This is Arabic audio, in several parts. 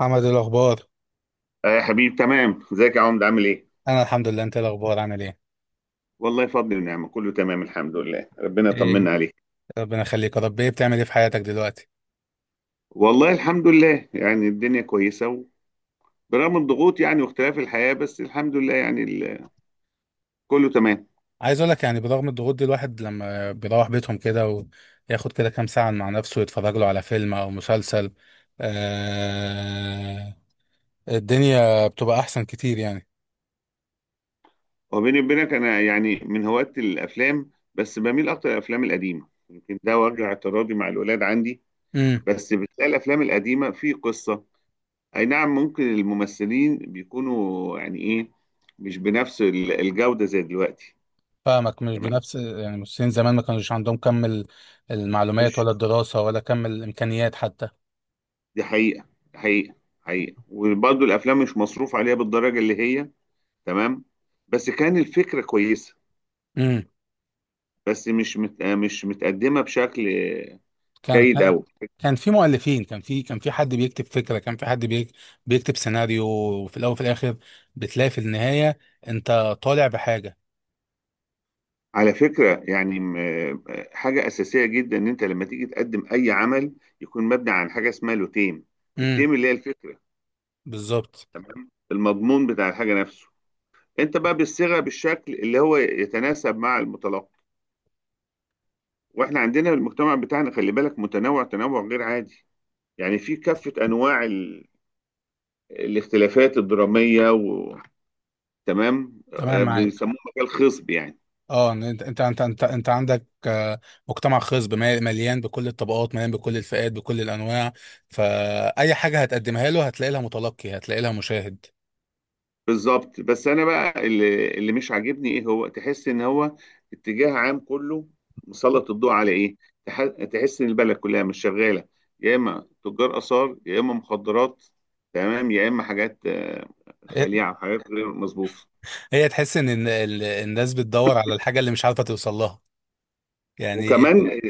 محمد، إيه الاخبار؟ آه يا حبيب، تمام. ازيك يا عمد؟ عامل ايه؟ انا الحمد لله. انت إيه الاخبار؟ عامل ايه؟ والله فضل ونعمة، كله تمام الحمد لله. ربنا ايه. يطمنا عليك. ربنا يخليك يا رب. ايه بتعمل ايه في حياتك دلوقتي؟ والله الحمد لله، الدنيا كويسة برغم الضغوط، يعني واختلاف الحياة، بس الحمد لله كله تمام. عايز اقول لك يعني برغم الضغوط دي الواحد لما بيروح بيتهم كده وياخد كده كام ساعه مع نفسه يتفرج له على فيلم او مسلسل. آه، الدنيا بتبقى احسن كتير يعني. وبيني وبينك انا يعني من هواة الافلام، بس بميل اكتر للافلام القديمة، يمكن ده وجه اعتراضي مع الولاد عندي. امم بس بتلاقي الافلام القديمة في قصة. اي نعم، ممكن الممثلين بيكونوا يعني ايه مش بنفس الجودة زي دلوقتي. فاهمك، مش تمام. بنفس يعني. المصريين زمان ما كانوش عندهم كم المعلومات ولا الدراسه ولا كم الامكانيات حتى. دي حقيقة. حقيقة. حقيقة. وبرضه الأفلام مش مصروف عليها بالدرجة اللي هي تمام، بس كان الفكرة كويسة، امم بس مش متقدمة بشكل كان جيد كان أوي. كان في مؤلفين، كان في حد بيكتب فكرة، كان في حد بيكتب سيناريو، وفي الأول وفي الآخر بتلاقي في النهاية أنت طالع بحاجة. على فكرة حاجة أساسية جدا إن أنت لما تيجي تقدم أي عمل يكون مبني عن حاجة اسمها له تيم. امم التيم اللي هي الفكرة، بالظبط. المضمون بتاع الحاجة نفسه. أنت بقى بالصيغة بالشكل اللي هو يتناسب مع المتلقي. وإحنا عندنا المجتمع بتاعنا، خلي بالك، متنوع تنوع غير عادي. يعني في كافة أنواع الاختلافات الدرامية تمام. تمام معاك. بيسموه مجال خصب يعني. اه، إن انت عندك مجتمع خصب مليان بكل الطبقات، مليان بكل الفئات بكل الانواع. فاي حاجه هتقدمها له هتلاقي لها متلقي، هتلاقي لها مشاهد. بالظبط. بس أنا بقى اللي مش عاجبني إيه، هو تحس إن هو اتجاه عام كله مسلط الضوء على إيه؟ تحس إن البلد كلها مش شغالة، يا إما تجار آثار، يا إما مخدرات. تمام. يا إما حاجات هي خليعة، حاجات غير مظبوطة. هي تحس ان إن الناس بتدور على الحاجه اللي مش عارفه توصل لها يعني. وكمان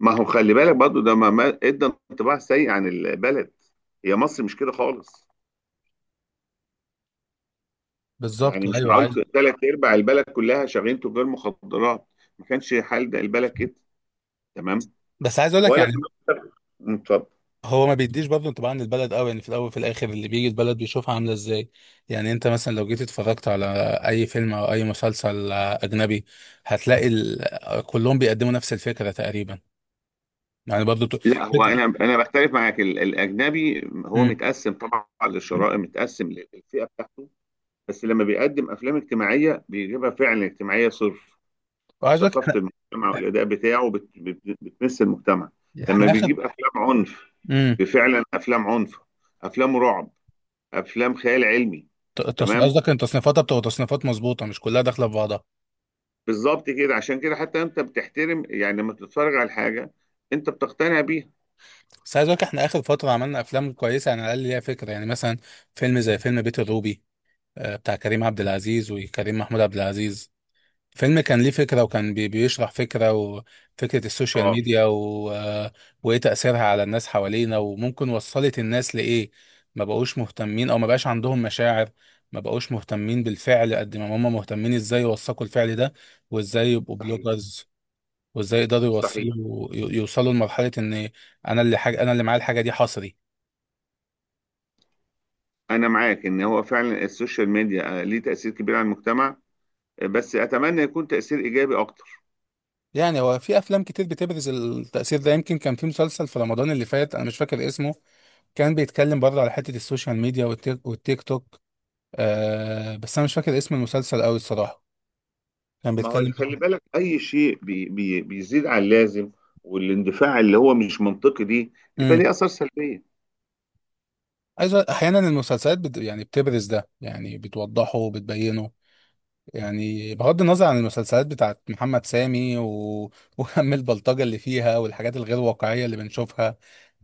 ما هو خلي بالك برضه، ده ادى انطباع سيء عن البلد. هي مصر مش كده خالص. بالظبط، يعني مش ايوه، معقول عايز. ثلاث ارباع البلد كلها شغالين تجار مخدرات. ما كانش حال ده البلد كده. تمام. بس عايز اقول لك ولا يعني كنا. مم، اتفضل. هو ما بيديش برضه انطباع عن البلد قوي. يعني في الاول وفي الاخر اللي بيجي البلد بيشوفها عامله ازاي. يعني انت مثلا لو جيت اتفرجت على اي فيلم او اي مسلسل اجنبي هتلاقي كلهم بيقدموا نفس الفكره تقريبا. يعني برضه لا، هو فكره. انا بختلف معاك. الاجنبي هو امم متقسم طبعا للشرائح، متقسم للفئه بتاعته. بس لما بيقدم افلام اجتماعيه بيجيبها فعلا اجتماعيه صرف. وعايز أقولك ثقافه احنا المجتمع والاداء بتاعه بتمس المجتمع. لما احنا اخر. بيجيب افلام عنف، امم بفعلا افلام عنف، افلام رعب، افلام خيال علمي. تمام. قصدك ان تصنيفاتها بتبقى تصنيفات مظبوطه مش كلها داخله في بعضها. بالظبط كده، عشان كده حتى انت بتحترم يعني لما بتتفرج على الحاجه، انت بتقتنع بيها. بس عايز اقول لك احنا اخر فتره عملنا افلام كويسه يعني، على الاقل ليها فكره. يعني مثلا فيلم زي فيلم بيت الروبي، آه، بتاع كريم عبد العزيز وكريم محمود عبد العزيز. فيلم كان ليه فكرة وكان بيشرح فكرة، وفكرة السوشيال اه، ميديا و... آه، وإيه تأثيرها على الناس حوالينا وممكن وصلت الناس لإيه. ما بقوش مهتمين أو ما بقاش عندهم مشاعر، ما بقوش مهتمين بالفعل قد ما هم مهتمين إزاي يوثقوا الفعل ده وإزاي يبقوا صحيح، بلوجرز وإزي يقدروا صحيح. يوصلوا يوصلوا لمرحلة إن أنا اللي حاجة، أنا اللي معايا الحاجة دي حصري. انا معاك ان هو فعلا السوشيال ميديا ليه تاثير كبير على المجتمع. بس اتمنى يكون تاثير ايجابي اكتر. يعني هو في افلام كتير بتبرز التأثير ده. يمكن كان في مسلسل في رمضان اللي فات انا مش فاكر اسمه، كان بيتكلم برضه على حتة السوشيال ميديا والتيك توك. آه، بس انا مش فاكر اسم المسلسل قوي الصراحة. كان ما هو خلي بيتكلم برضه. الفكرة بالك، اي شيء بي بي بيزيد عن اللازم والاندفاع اللي هو مش منطقي دي بيبقى امم ليه اثار سلبيه. احيانا المسلسلات يعني بتبرز ده، يعني بتوضحه وبتبينه، يعني بغض النظر عن المسلسلات بتاعت محمد سامي و... وهم البلطجة اللي فيها والحاجات الغير واقعية اللي بنشوفها،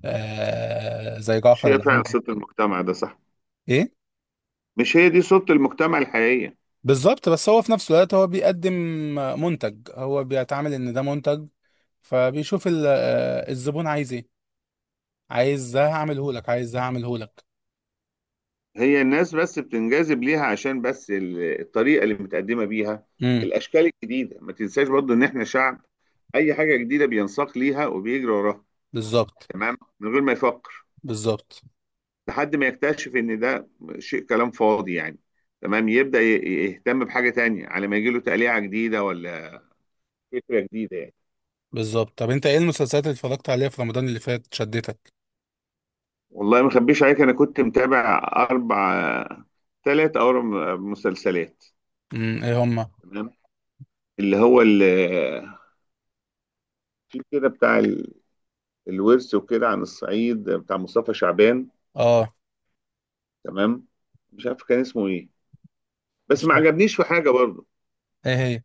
آه، زي مش جعفر هي فعلا العمدة. صوت المجتمع ده؟ صح، ايه. مش هي دي صوت المجتمع الحقيقيه. بالظبط، بس هو في نفس الوقت هو بيقدم منتج، هو بيتعامل ان ده منتج، فبيشوف الزبون عايز ايه. عايز ده هعمله لك، عايز ده هعمله لك. هي الناس بس بتنجذب ليها عشان بس الطريقة اللي متقدمة بيها، امم الأشكال الجديدة. ما تنساش برضو إن إحنا شعب أي حاجة جديدة بينساق ليها وبيجري وراها. بالظبط تمام. من غير ما يفكر، بالظبط لحد ما يكتشف إن ده شيء كلام فاضي يعني. تمام. يهتم بحاجة تانية على ما يجيله تقليعة جديدة ولا فكرة جديدة يعني. بالظبط طب انت ايه المسلسلات اللي اتفرجت عليها في رمضان اللي فات شدتك؟ والله ما أخبيش عليك، أنا كنت متابع أربع ثلاث أو أربع مسلسلات. ايه هما؟ تمام. اللي هو في كده بتاع الورث وكده عن الصعيد بتاع مصطفى شعبان. اه. تمام. مش عارف كان اسمه ايه، بس مش ما فاهم. عجبنيش في حاجه برضه. ايه هي؟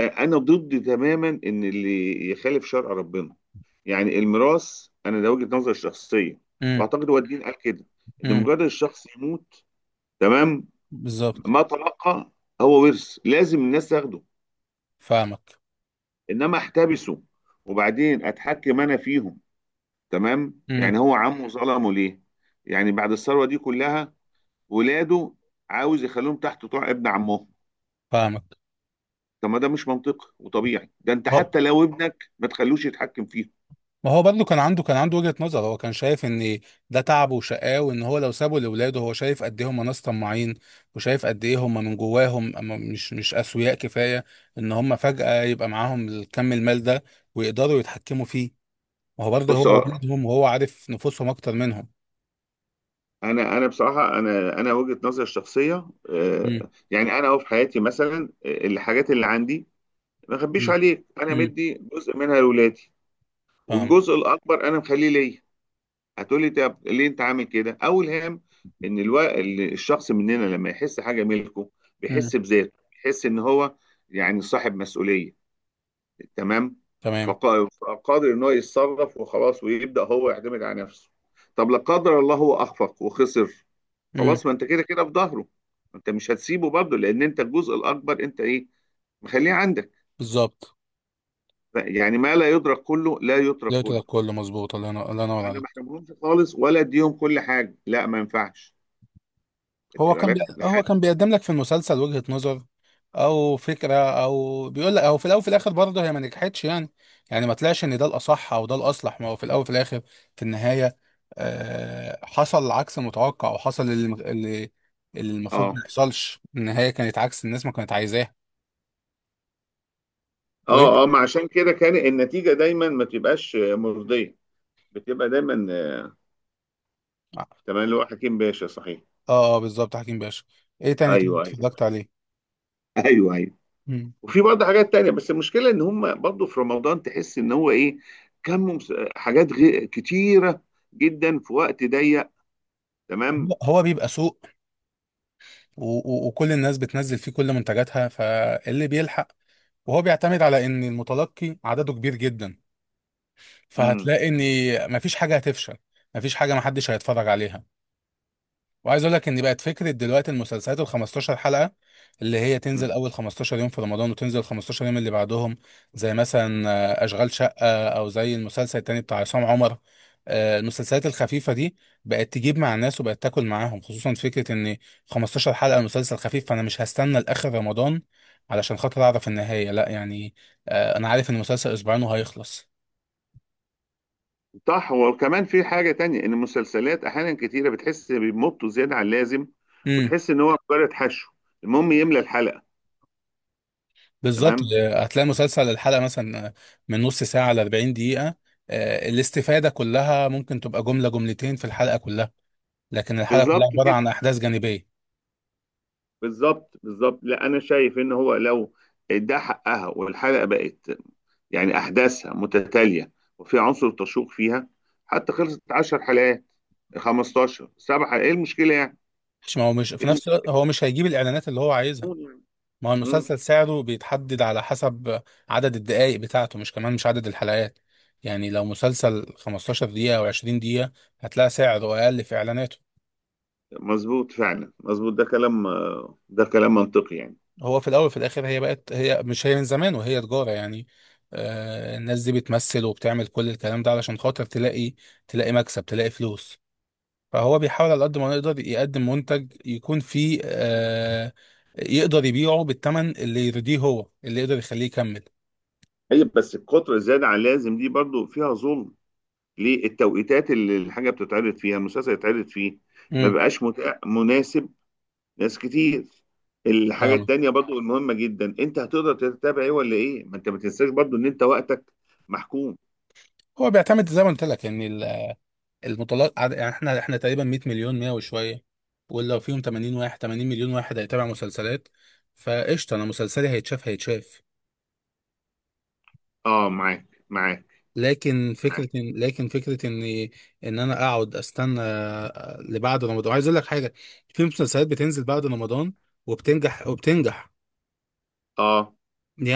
انا ضد تماما ان اللي يخالف شرع ربنا، يعني الميراث. انا ده وجهه نظري الشخصيه، امم واعتقد هو الدين قال كده. ان امم مجرد الشخص يموت، تمام، بالظبط. ما تلقى هو ورث لازم الناس تاخده، فاهمك. انما احتبسه وبعدين اتحكم انا فيهم. تمام. امم يعني هو عمه ظلمه ليه؟ يعني بعد الثروه دي كلها، ولاده عاوز يخليهم تحت طاع ابن عمهم؟ فاهمك. طب ما ده مش منطقي وطبيعي، ده انت حتى لو ابنك ما تخلوش يتحكم فيه. ما هو برضه كان عنده وجهة نظر. هو كان شايف ان ده تعبه وشقاه، وان هو لو سابه لاولاده هو شايف قد ايه هم ناس طماعين، وشايف قد ايه هم من جواهم أما مش اسوياء كفاية ان هم فجأة يبقى معاهم الكم المال ده ويقدروا يتحكموا فيه. ما هو برضه بص، هو والدهم وهو عارف نفوسهم اكتر منهم. انا، بصراحه، انا وجهه نظري الشخصيه، امم يعني انا أهو في حياتي مثلا، الحاجات اللي عندي، ما اخبيش امم عليك، انا امم مدي جزء منها لاولادي فاهم. والجزء الاكبر انا مخليه ليا. هتقولي طب ليه انت عامل كده؟ اول هام ان الشخص مننا لما يحس حاجه ملكه، امم بيحس بذاته، بيحس ان هو يعني صاحب مسؤوليه. تمام. تمام. فقادر ان هو يتصرف وخلاص، ويبدا هو يعتمد على نفسه. طب لا قدر الله هو اخفق وخسر؟ امم خلاص، ما انت كده كده في ظهره، انت مش هتسيبه برضه، لان انت الجزء الاكبر انت ايه، مخليه عندك. بالظبط. يعني ما لا يدرك كله لا يترك لقيت ده كله. كله مظبوط. الله ينور، الله ينور انا ما عليك. احرمهمش خالص ولا اديهم كل حاجه، لا ما ينفعش. خدت بالك هو لحد؟ كان بيقدم لك في المسلسل وجهة نظر او فكرة، او بيقول لك، او في الاول وفي الاخر برضه هي ما نجحتش يعني. يعني ما طلعش ان ده الاصح او ده الاصلح. ما هو في الاول وفي الاخر في النهاية آه حصل العكس المتوقع، وحصل اللي اللي المفروض اه، ما يحصلش. النهاية كانت عكس الناس ما كانت عايزاها. وايه. اه، اه. ما عشان كده كان النتيجه دايما ما تبقاش مرضيه، بتبقى دايما اه، تمام، اللي هو حكيم باشا صحيح. آه، بالظبط، حكيم باشا. ايه تاني طيب ايوه، ايوه. اتفرجت عليه؟ ايوه، ايوه. مم. وفي برضه حاجات تانية، بس المشكلة إن هم برضه في رمضان تحس إن هو إيه، حاجات كتيرة جدا في وقت ضيق. هو تمام. هو بيبقى سوء، وكل الناس بتنزل فيه كل منتجاتها فاللي بيلحق، وهو بيعتمد على ان المتلقي عدده كبير جدا، مم. فهتلاقي مم. ان مفيش حاجه هتفشل، مفيش حاجه محدش هيتفرج عليها. وعايز اقول لك ان بقت فكره دلوقتي المسلسلات ال 15 حلقه، اللي هي تنزل مم. اول 15 يوم في رمضان وتنزل 15 يوم اللي بعدهم. زي مثلا آه، اشغال شقه، او زي المسلسل التاني بتاع عصام عمر. آه، المسلسلات الخفيفه دي بقت تجيب مع الناس وبقت تاكل معاهم، خصوصا فكره ان 15 حلقه مسلسل خفيف، فانا مش هستنى لاخر رمضان علشان خاطر اعرف النهايه لا يعني. آه، انا عارف ان المسلسل اسبوعين وهيخلص. صح. وكمان في حاجة تانية، إن المسلسلات أحيانا كتيرة بتحس بيمطوا زيادة عن اللازم، وتحس إن هو مجرد حشو، المهم يملى الحلقة. بالظبط. تمام. هتلاقي مسلسل الحلقة مثلا من نص ساعة ل 40 دقيقة، آه، الاستفادة كلها ممكن تبقى جملة جملتين في الحلقة كلها، لكن الحلقة كلها بالظبط عبارة كده. عن أحداث جانبية. بالظبط بالظبط لا، أنا شايف إن هو لو ده حقها، والحلقة بقت يعني أحداثها متتالية وفي عنصر تشوق فيها، حتى خلصت 10 حلقات، 15، سبع حلقات، إيه المشكلة يعني؟ مش، ما هو مش في إيه نفس الوقت هو مش هيجيب الإعلانات اللي هو عايزها. المشكلة يعني؟ ما هو مم. المسلسل سعره بيتحدد على حسب عدد الدقائق بتاعته، مش كمان مش عدد الحلقات. يعني لو مسلسل 15 دقيقة أو 20 دقيقة هتلاقي سعره أقل في إعلاناته. مظبوط، فعلا مظبوط. ده كلام، ده كلام منطقي يعني. هو في الاول وفي الاخر هي بقت، هي مش هي من زمان، وهي تجاره يعني. آه، الناس دي بتمثل وبتعمل كل الكلام ده علشان خاطر تلاقي، تلاقي مكسب، تلاقي فلوس. فهو بيحاول على قد ما يقدر يقدم منتج يكون فيه آه يقدر يبيعه بالثمن اللي يرضيه، هو اللي يقدر يخليه يكمل. طيب بس القطر الزيادة عن اللازم دي برضو فيها ظلم، ليه التوقيتات اللي الحاجة بتتعرض فيها، المسلسل يتعرض فيه، ما امم بقاش متاح مناسب ناس كتير. الحاجة فاهمك. التانية برضو المهمة جدا، انت هتقدر تتابع ايه ولا ايه، ما انت ما تنساش برضو ان انت وقتك محكوم. هو بيعتمد زي ما قلت لك ان يعني احنا تقريبا 100 مليون 100 وشويه، ولو فيهم 80 مليون واحد هيتابع مسلسلات فقشطه، انا مسلسلي هيتشاف هيتشاف. اه، معاك، لكن فكرة معاك إن لكن فكرة إن إن أنا أقعد أستنى لبعد رمضان. عايز أقول لك حاجة، في مسلسلات بتنزل بعد رمضان وبتنجح وبتنجح. اه،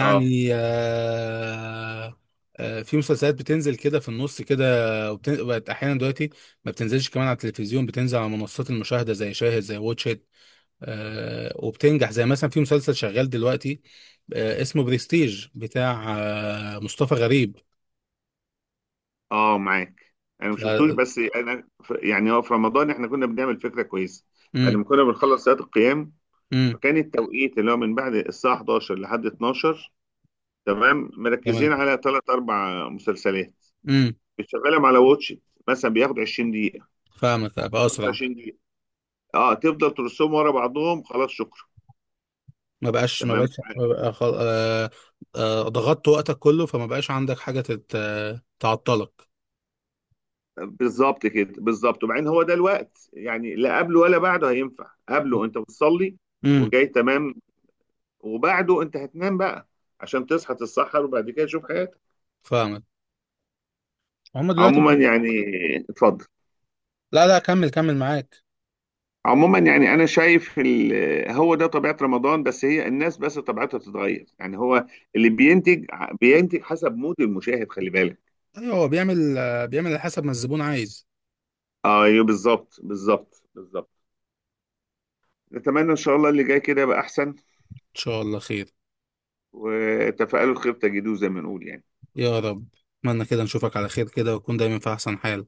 اه في مسلسلات بتنزل كده في النص كده، بقت أحيانا دلوقتي ما بتنزلش كمان على التلفزيون، بتنزل على منصات المشاهدة زي شاهد زي واتشيت. آه، وبتنجح، زي مثلا في مسلسل شغال دلوقتي آه، اسمه بريستيج بتاع آه، مصطفى غريب. اه معاك. انا ما ف- شفتوش، بس انا يعني هو في رمضان احنا كنا بنعمل فكره كويسه، بعد مم، ما كنا بنخلص صلاه القيام، مم، فكان التوقيت اللي هو من بعد الساعه 11 لحد 12. تمام. مركزين تمام. على ثلاث اربع مسلسلات، امم بتشغلهم على واتش إت. مثلا بياخد 20 دقيقه، فاهمك، ابقى اسرع. 25 دقيقه، اه تفضل ترسهم ورا بعضهم خلاص، شكرا. ما بقاش ما تمام. بقاش ما بقى ضغطت وقتك كله فما بقاش عندك حاجه تت... آه، تعطلك. بالظبط كده، بالظبط. وبعدين هو ده الوقت يعني، لا قبله ولا بعده هينفع، قبله انت بتصلي امم وجاي. تمام. وبعده انت هتنام بقى عشان تصحى تتسحر وبعد كده تشوف حياتك. فاهمك. هم دلوقتي عموما ب- يعني. اتفضل. لا لا، كمل معاك. عموما يعني انا شايف هو ده طبيعة رمضان، بس هي الناس بس طبيعتها بتتغير يعني. هو اللي بينتج بينتج حسب مود المشاهد، خلي بالك. ايوه، هو بيعمل آه، بيعمل على حسب ما الزبون عايز. ايوه، بالظبط بالظبط. نتمنى ان شاء الله اللي جاي كده يبقى احسن، ان شاء الله خير. وتفاءلوا الخير تجدوه زي ما نقول يعني. يا رب. اتمنى كده نشوفك على خير كده، وتكون دايما في احسن حال.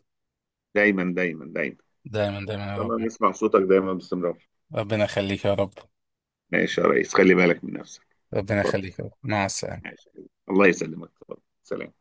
دايما، دايما، دايما. دايما دايما ان يا شاء رب. الله نسمع صوتك دايما باستمرار. ربنا يخليك يا رب. ماشي يا ريس، خلي بالك من نفسك. ربنا اتفضل. يخليك يا رب، مع السلامة. ماشي. الله يسلمك، اتفضل، سلام.